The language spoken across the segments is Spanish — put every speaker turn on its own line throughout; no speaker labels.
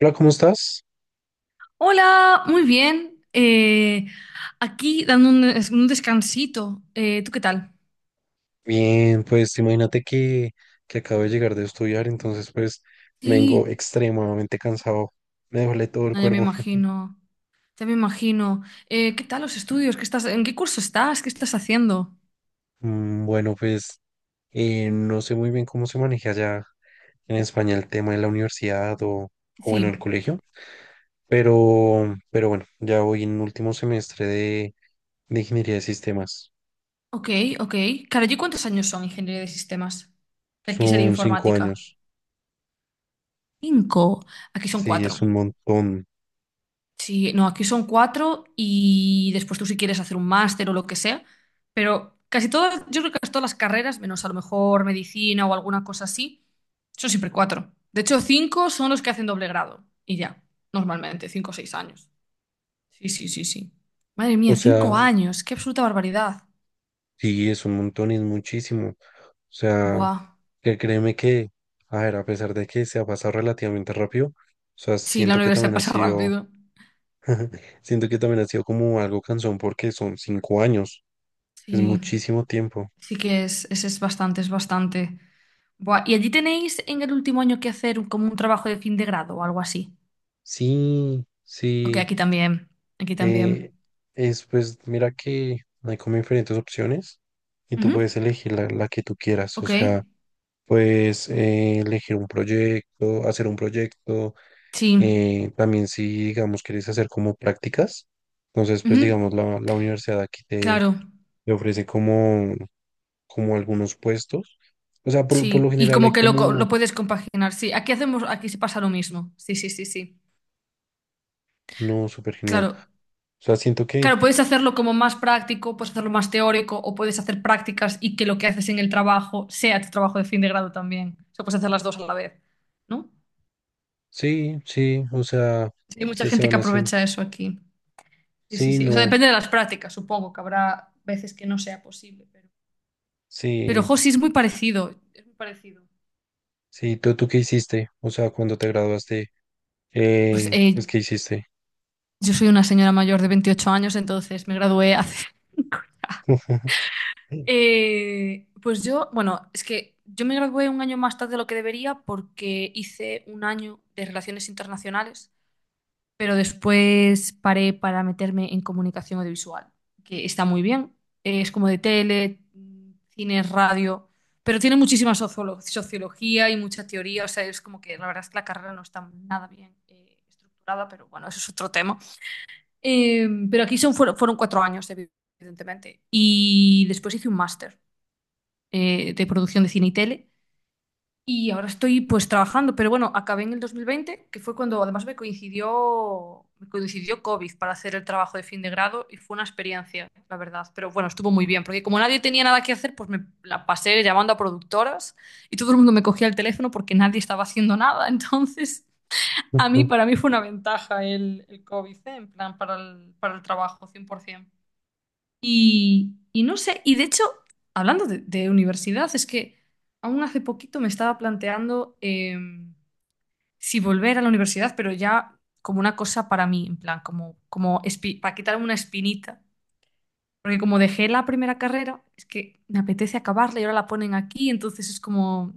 Hola, ¿cómo estás?
Hola, muy bien. Aquí dando un descansito. ¿Tú qué tal?
Bien, pues imagínate que acabo de llegar de estudiar, entonces pues vengo
Sí.
extremadamente cansado, me duele todo el
No, ya me
cuerpo.
imagino, ya me imagino. ¿Qué tal los estudios? ¿Qué estás, en qué curso estás? ¿Qué estás haciendo?
Mm, bueno, pues no sé muy bien cómo se maneja allá en España el tema de la universidad o, bueno, el
Sí.
colegio, pero bueno, ya voy en último semestre de ingeniería de sistemas.
Ok, ok. Claro, ¿y cuántos años son ingeniería de sistemas? Que aquí sería
Son cinco
informática.
años,
Cinco. Aquí son
sí, es
cuatro.
un montón.
Sí, no, aquí son cuatro y después tú si quieres hacer un máster o lo que sea, pero casi todas, yo creo que casi todas las carreras, menos a lo mejor medicina o alguna cosa así, son siempre cuatro. De hecho, cinco son los que hacen doble grado y ya, normalmente, 5 o 6 años. Sí, sí, sí, sí. Madre
O
mía, cinco
sea,
años, qué absoluta barbaridad.
sí, es un montón y es muchísimo. O sea,
Buah,
que créeme que, a ver, a pesar de que se ha pasado relativamente rápido, o sea,
sí, la universidad pasa rápido.
siento que también ha sido como algo cansón porque son 5 años, es
Sí,
muchísimo tiempo.
sí que es bastante, es bastante. Buah, ¿y allí tenéis en el último año que hacer como un trabajo de fin de grado o algo así?
Sí,
Ok,
sí,
aquí también. Aquí también.
eh, es pues, mira que hay como diferentes opciones y tú
Ujú,
puedes elegir la, que tú quieras. O
Ok,
sea, puedes elegir un proyecto, hacer un proyecto.
sí.
También, si digamos quieres hacer como prácticas, entonces pues
Ujú,
digamos la, universidad aquí te,
Claro,
te ofrece como algunos puestos. O sea, por lo
sí. Y
general hay
como que lo,
como,
lo puedes compaginar. Sí, aquí hacemos, aquí se pasa lo mismo. Sí, sí, sí, sí.
no, súper genial.
Claro.
O sea, siento que
Claro, puedes hacerlo como más práctico, puedes hacerlo más teórico, o puedes hacer prácticas y que lo que haces en el trabajo sea tu trabajo de fin de grado también. O sea, puedes hacer las dos a la vez, ¿no?
sí, sí, o sea,
Sí, hay mucha
se,
gente
van
que
haciendo,
aprovecha eso aquí. Sí, sí,
sí,
sí. O sea,
no,
depende de las prácticas, supongo que habrá veces que no sea posible, pero. Pero,
sí,
jo, sí, es muy parecido. Es muy parecido.
sí. ¿tú qué hiciste? O sea, cuando te graduaste,
Pues
pues, ¿qué hiciste?
yo soy una señora mayor de 28 años, entonces me gradué hace cinco ya. Pues yo, bueno, es que yo me gradué un año más tarde de lo que debería porque hice un año de relaciones internacionales, pero después paré para meterme en comunicación audiovisual, que está muy bien. Es como de tele, cine, radio, pero tiene muchísima sociología y mucha teoría, o sea, es como que la verdad es que la carrera no está nada bien estructurada, pero bueno, eso es otro tema. Pero aquí son, fueron 4 años, evidentemente. Y después hice un máster de producción de cine y tele. Y ahora estoy pues trabajando, pero bueno, acabé en el 2020, que fue cuando además me coincidió COVID para hacer el trabajo de fin de grado y fue una experiencia, la verdad. Pero bueno, estuvo muy bien, porque como nadie tenía nada que hacer, pues me la pasé llamando a productoras y todo el mundo me cogía el teléfono porque nadie estaba haciendo nada. Entonces, a mí, para mí fue una ventaja el COVID, ¿eh? En plan, para el trabajo, 100%. Y no sé, y de hecho, hablando de universidad, es que aún hace poquito me estaba planteando si volver a la universidad, pero ya como una cosa para mí, en plan, como para quitarme una espinita. Porque como dejé la primera carrera, es que me apetece acabarla y ahora la ponen aquí, entonces es como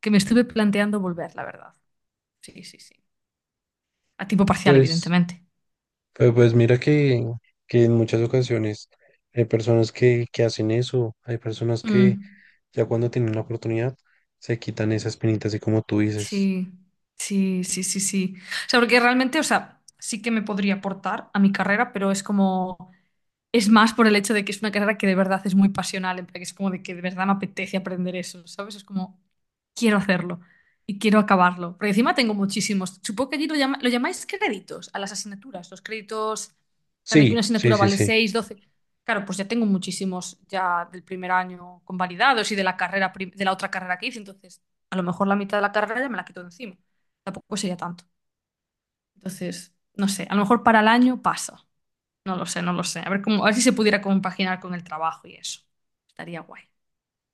que me estuve planteando volver, la verdad. Sí, sí, sí. A tiempo parcial,
Pues...
evidentemente.
Pero pues mira que, en muchas ocasiones hay personas que hacen eso, hay personas que
Mm.
ya cuando tienen la oportunidad se quitan esas penitas así como tú dices.
Sí, sí, sí, sí, sí. O sea, porque realmente, o sea, sí que me podría aportar a mi carrera, pero es como, es más por el hecho de que es una carrera que de verdad es muy pasional, en plan, que es como de que de verdad me apetece aprender eso, ¿sabes? Es como, quiero hacerlo y quiero acabarlo. Porque encima tengo muchísimos. Supongo que allí lo, lo llamáis créditos a las asignaturas. Los créditos en de que
Sí,
una
sí,
asignatura
sí,
vale
sí.
6, 12. Claro, pues ya tengo muchísimos ya del primer año convalidados y de la carrera de la otra carrera que hice. Entonces, a lo mejor la mitad de la carrera ya me la quito de encima. Tampoco sería tanto. Entonces, no sé, a lo mejor para el año pasa. No lo sé, no lo sé. A ver cómo, a ver si se pudiera compaginar con el trabajo y eso. Estaría guay,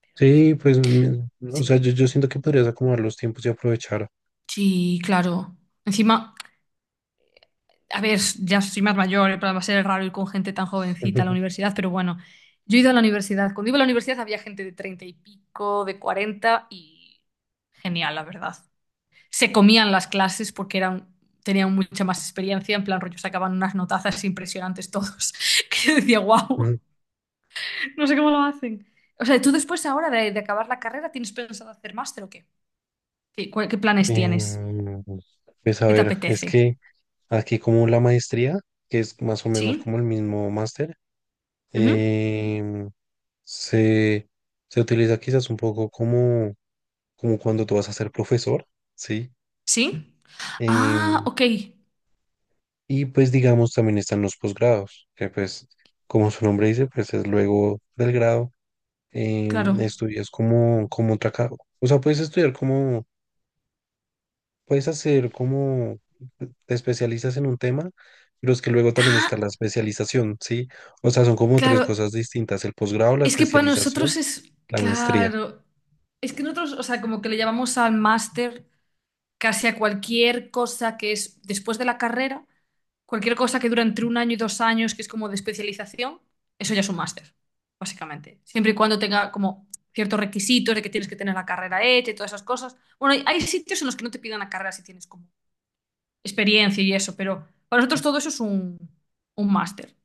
pero no
Sí,
sé.
pues, o sea,
Sí.
yo siento que podrías acomodar los tiempos y aprovechar.
Sí, claro. Encima. A ver, ya soy más mayor, en plan, va a ser raro ir con gente tan jovencita a la universidad, pero bueno, yo he ido a la universidad. Cuando iba a la universidad había gente de 30 y pico, de 40, y genial, la verdad. Se comían las clases porque eran, tenían mucha más experiencia, en plan rollo sacaban unas notazas impresionantes todos, que yo decía, wow,
Mm,
no sé cómo lo hacen. O sea, ¿tú después ahora de acabar la carrera tienes pensado hacer máster o qué? ¿Qué, qué planes tienes?
Em, pues a
¿Qué te
ver, es
apetece?
que aquí como la maestría, que es más o menos como
¿Sí?
el mismo máster,
¿Ujú?
em, se, se utiliza quizás un poco como cuando tú vas a ser profesor, ¿sí?
¿Sí? Ah,
Em,
ok.
y pues digamos también están los posgrados, que pues como su nombre dice, pues es luego del grado,
Claro.
estudias como otra o sea, puedes estudiar como, puedes hacer como, te especializas en un tema, pero es que luego también
Ah,
está la especialización, ¿sí? O sea, son como tres
claro.
cosas distintas: el posgrado, la
Es que para
especialización,
nosotros es,
la maestría.
claro, es que nosotros, o sea, como que le llamamos al máster casi a cualquier cosa que es después de la carrera, cualquier cosa que dura entre un año y 2 años, que es como de especialización, eso ya es un máster, básicamente. Siempre y cuando tenga como ciertos requisitos de que tienes que tener la carrera hecha y todas esas cosas. Bueno, hay sitios en los que no te pidan la carrera si tienes como experiencia y eso, pero para nosotros todo eso es un máster.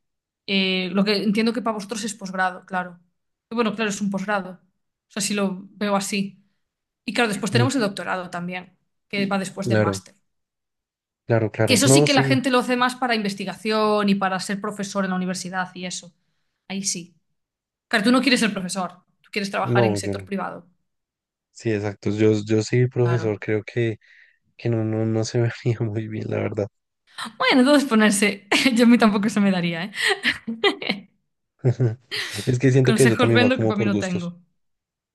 Lo que entiendo que para vosotros es posgrado, claro. Y bueno, claro, es un posgrado. O sea, si lo veo así. Y claro, después
Ujú,
tenemos el doctorado también, que va después del
claro,
máster.
claro,
Que
claro.
eso sí
No,
que la
sí,
gente lo hace más para investigación y para ser profesor en la universidad y eso. Ahí sí. Claro, tú no quieres ser profesor, tú quieres trabajar en el
no, yo
sector
no.
privado.
Sí, exacto. yo, sí, profesor,
Claro.
creo que, no se me veía muy bien, la verdad.
Bueno, entonces ponerse. Yo a mí tampoco se me daría, ¿eh?
Es que siento que eso
Consejos
también va
vendo que
como
para mí
por
no
gustos.
tengo.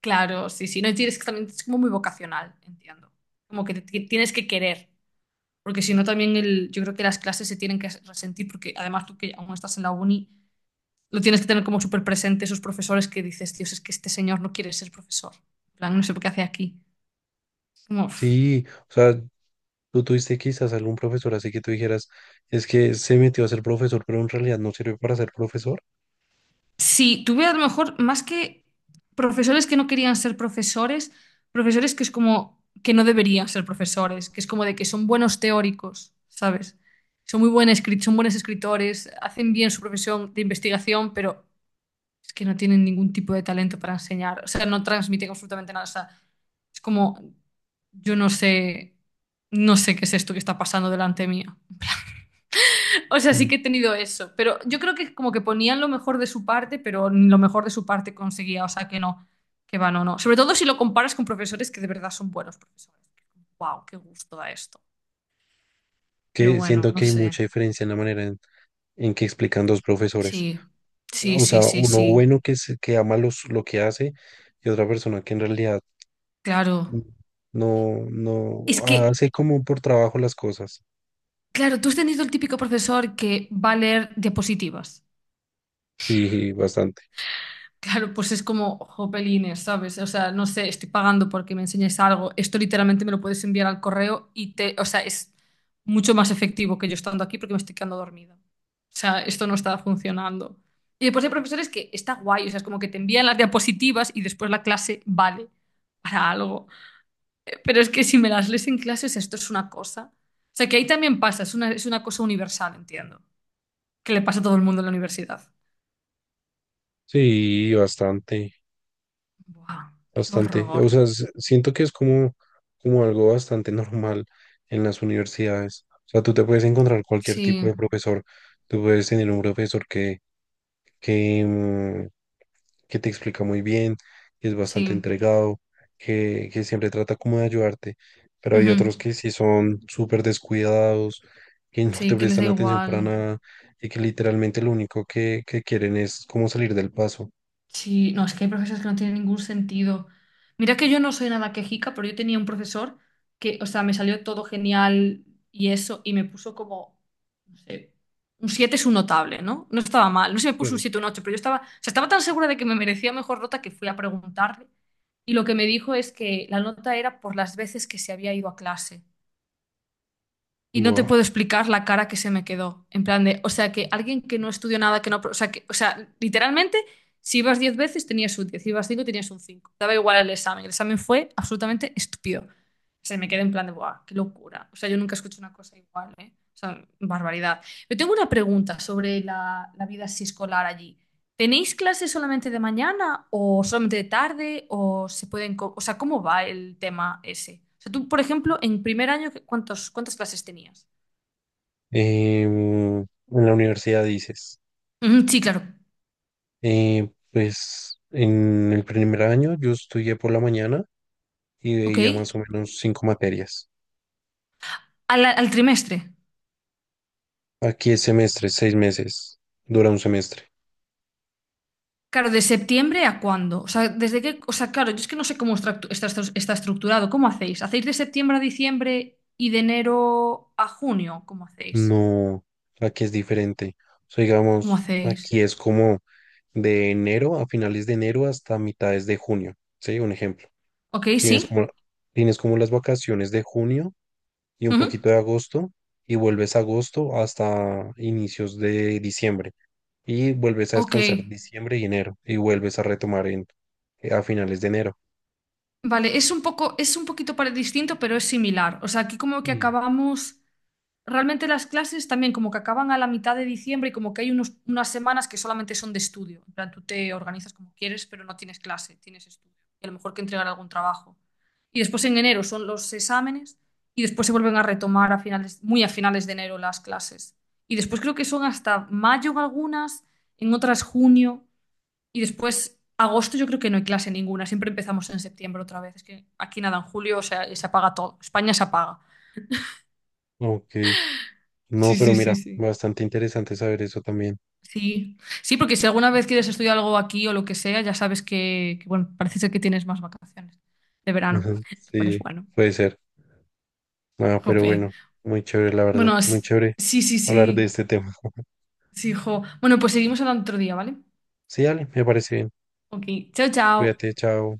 Claro, sí, sí. No, y tienes que también es como muy vocacional, entiendo. Como que tienes que querer. Porque si no también el, yo creo que las clases se tienen que resentir, porque además tú que aún estás en la uni, lo tienes que tener como súper presente esos profesores que dices, Dios, es que este señor no quiere ser profesor. En plan, no sé por qué hace aquí. Como, uff.
Sí, o sea, tú tuviste quizás algún profesor así que tú dijeras, es que se metió a ser profesor, pero en realidad no sirve para ser profesor.
Sí, tuve a lo mejor más que profesores que no querían ser profesores, profesores que es como que no deberían ser profesores, que es como de que son buenos teóricos, ¿sabes? Son muy buenos, son buenos escritores, hacen bien su profesión de investigación, pero es que no tienen ningún tipo de talento para enseñar. O sea, no transmiten absolutamente nada. O sea, es como, yo no sé, no sé qué es esto que está pasando delante mía. O sea,
Mm.
sí que he tenido eso, pero yo creo que como que ponían lo mejor de su parte, pero ni lo mejor de su parte conseguía. O sea, que no, que va, no, no. Sobre todo si lo comparas con profesores que de verdad son buenos profesores. ¡Wow! ¡Qué gusto da esto! Pero
Que
bueno,
siento
no
que hay
sé.
mucha diferencia en la manera en, que explican dos profesores.
Sí, sí,
O sea,
sí, sí,
uno
sí.
bueno que, que ama lo que hace, y otra persona que en realidad
Claro.
mm, no,
Es
no
que
hace como por trabajo las cosas.
claro, tú has tenido el típico profesor que va a leer diapositivas.
Sí, bastante.
Claro, pues es como jopelines, ¿sabes? O sea, no sé, estoy pagando porque me enseñes algo. Esto literalmente me lo puedes enviar al correo y te, o sea, es mucho más efectivo que yo estando aquí porque me estoy quedando dormida. O sea, esto no está funcionando. Y después hay profesores que está guay, o sea, es como que te envían las diapositivas y después la clase vale para algo. Pero es que si me las lees en clases, esto es una cosa. O sea, que ahí también pasa, es una cosa universal, entiendo. Que le pasa a todo el mundo en la universidad.
Sí, bastante,
¡Buah! ¡Qué
bastante. O
horror!
sea, siento que es como algo bastante normal en las universidades. O sea, tú te puedes encontrar cualquier tipo
Sí,
de profesor. Tú puedes tener un profesor que, que, mm, que te explica muy bien, que es bastante
sí.
entregado, que, siempre trata como de ayudarte. Pero hay
Ujú.
otros que sí son súper descuidados, que no
Sí,
te
que les
prestan
da
atención
igual.
para nada y que literalmente lo único que quieren es como salir del paso.
Sí, no, es que hay profesores que no tienen ningún sentido. Mira que yo no soy nada quejica, pero yo tenía un profesor que, o sea, me salió todo genial y eso, y me puso como, no sé, un 7 es un notable, ¿no? No estaba mal. No sé si me puso un siete o un 8, pero yo estaba, o sea, estaba tan segura de que me merecía mejor nota que fui a preguntarle. Y lo que me dijo es que la nota era por las veces que se había ido a clase. Y no te
Buah.
puedo explicar la cara que se me quedó. En plan de, o sea, que alguien que no estudió nada, que no, o sea, que, o sea, literalmente, si ibas 10 veces tenías un 10, si ibas 5 tenías un 5. Daba igual el examen. El examen fue absolutamente estúpido. O sea, me quedé en plan de, ¡buah, qué locura! O sea, yo nunca escucho una cosa igual, ¿eh? O sea, barbaridad. Yo tengo una pregunta sobre la vida así escolar allí. ¿Tenéis clases solamente de mañana o solamente de tarde o se pueden, o sea, cómo va el tema ese? O sea, tú, por ejemplo, en primer año, ¿cuántas clases tenías?
En la universidad dices,
Ujú, sí, claro.
pues en el primer año yo estudié por la mañana y
Ok.
veía más o menos cinco materias.
Al, al trimestre.
Aquí es semestre, 6 meses, dura un semestre.
Claro, ¿de septiembre a cuándo? O sea, desde qué, o sea, claro, yo es que no sé cómo está estructurado. ¿Cómo hacéis? ¿Hacéis de septiembre a diciembre y de enero a junio? ¿Cómo hacéis?
No, aquí es diferente. O sea,
¿Cómo
digamos,
hacéis?
aquí es como de enero, a finales de enero, hasta mitades de junio. Sí, un ejemplo.
Ok,
Tienes
sí.
como, tienes como las vacaciones de junio y un
Ujú.
poquito de agosto, y vuelves a agosto hasta inicios de diciembre, y vuelves a
Ok.
descansar diciembre y enero, y vuelves a retomar a finales de enero.
Vale, es un poco, es un poquito distinto, pero es similar. O sea, aquí como que
Sí.
acabamos, realmente las clases también como que acaban a la mitad de diciembre y como que hay unas semanas que solamente son de estudio. En plan, tú te organizas como quieres, pero no tienes clase, tienes estudio. Y a lo mejor que entregar algún trabajo. Y después en enero son los exámenes y después se vuelven a retomar a finales, muy a finales de enero las clases. Y después creo que son hasta mayo en algunas, en otras junio. Y después, agosto yo creo que no hay clase ninguna, siempre empezamos en septiembre otra vez. Es que aquí nada, en julio, o sea, se apaga todo. España se apaga.
Ok, no,
Sí,
pero
sí, sí,
mira,
sí.
bastante interesante saber eso también.
Sí, sí, porque si alguna vez quieres estudiar algo aquí o lo que sea, ya sabes que, bueno, parece ser que tienes más vacaciones de verano,
Ajá,
lo cual
sí,
es bueno.
puede ser. Ah, pero
Jope.
bueno, muy chévere, la verdad,
Bueno,
muy chévere
sí, sí,
hablar de
sí,
este tema.
sí, jo. Bueno, pues seguimos hablando otro día, ¿vale?
Sí, dale, me parece bien.
Ok, chao, chao.
Cuídate, chao.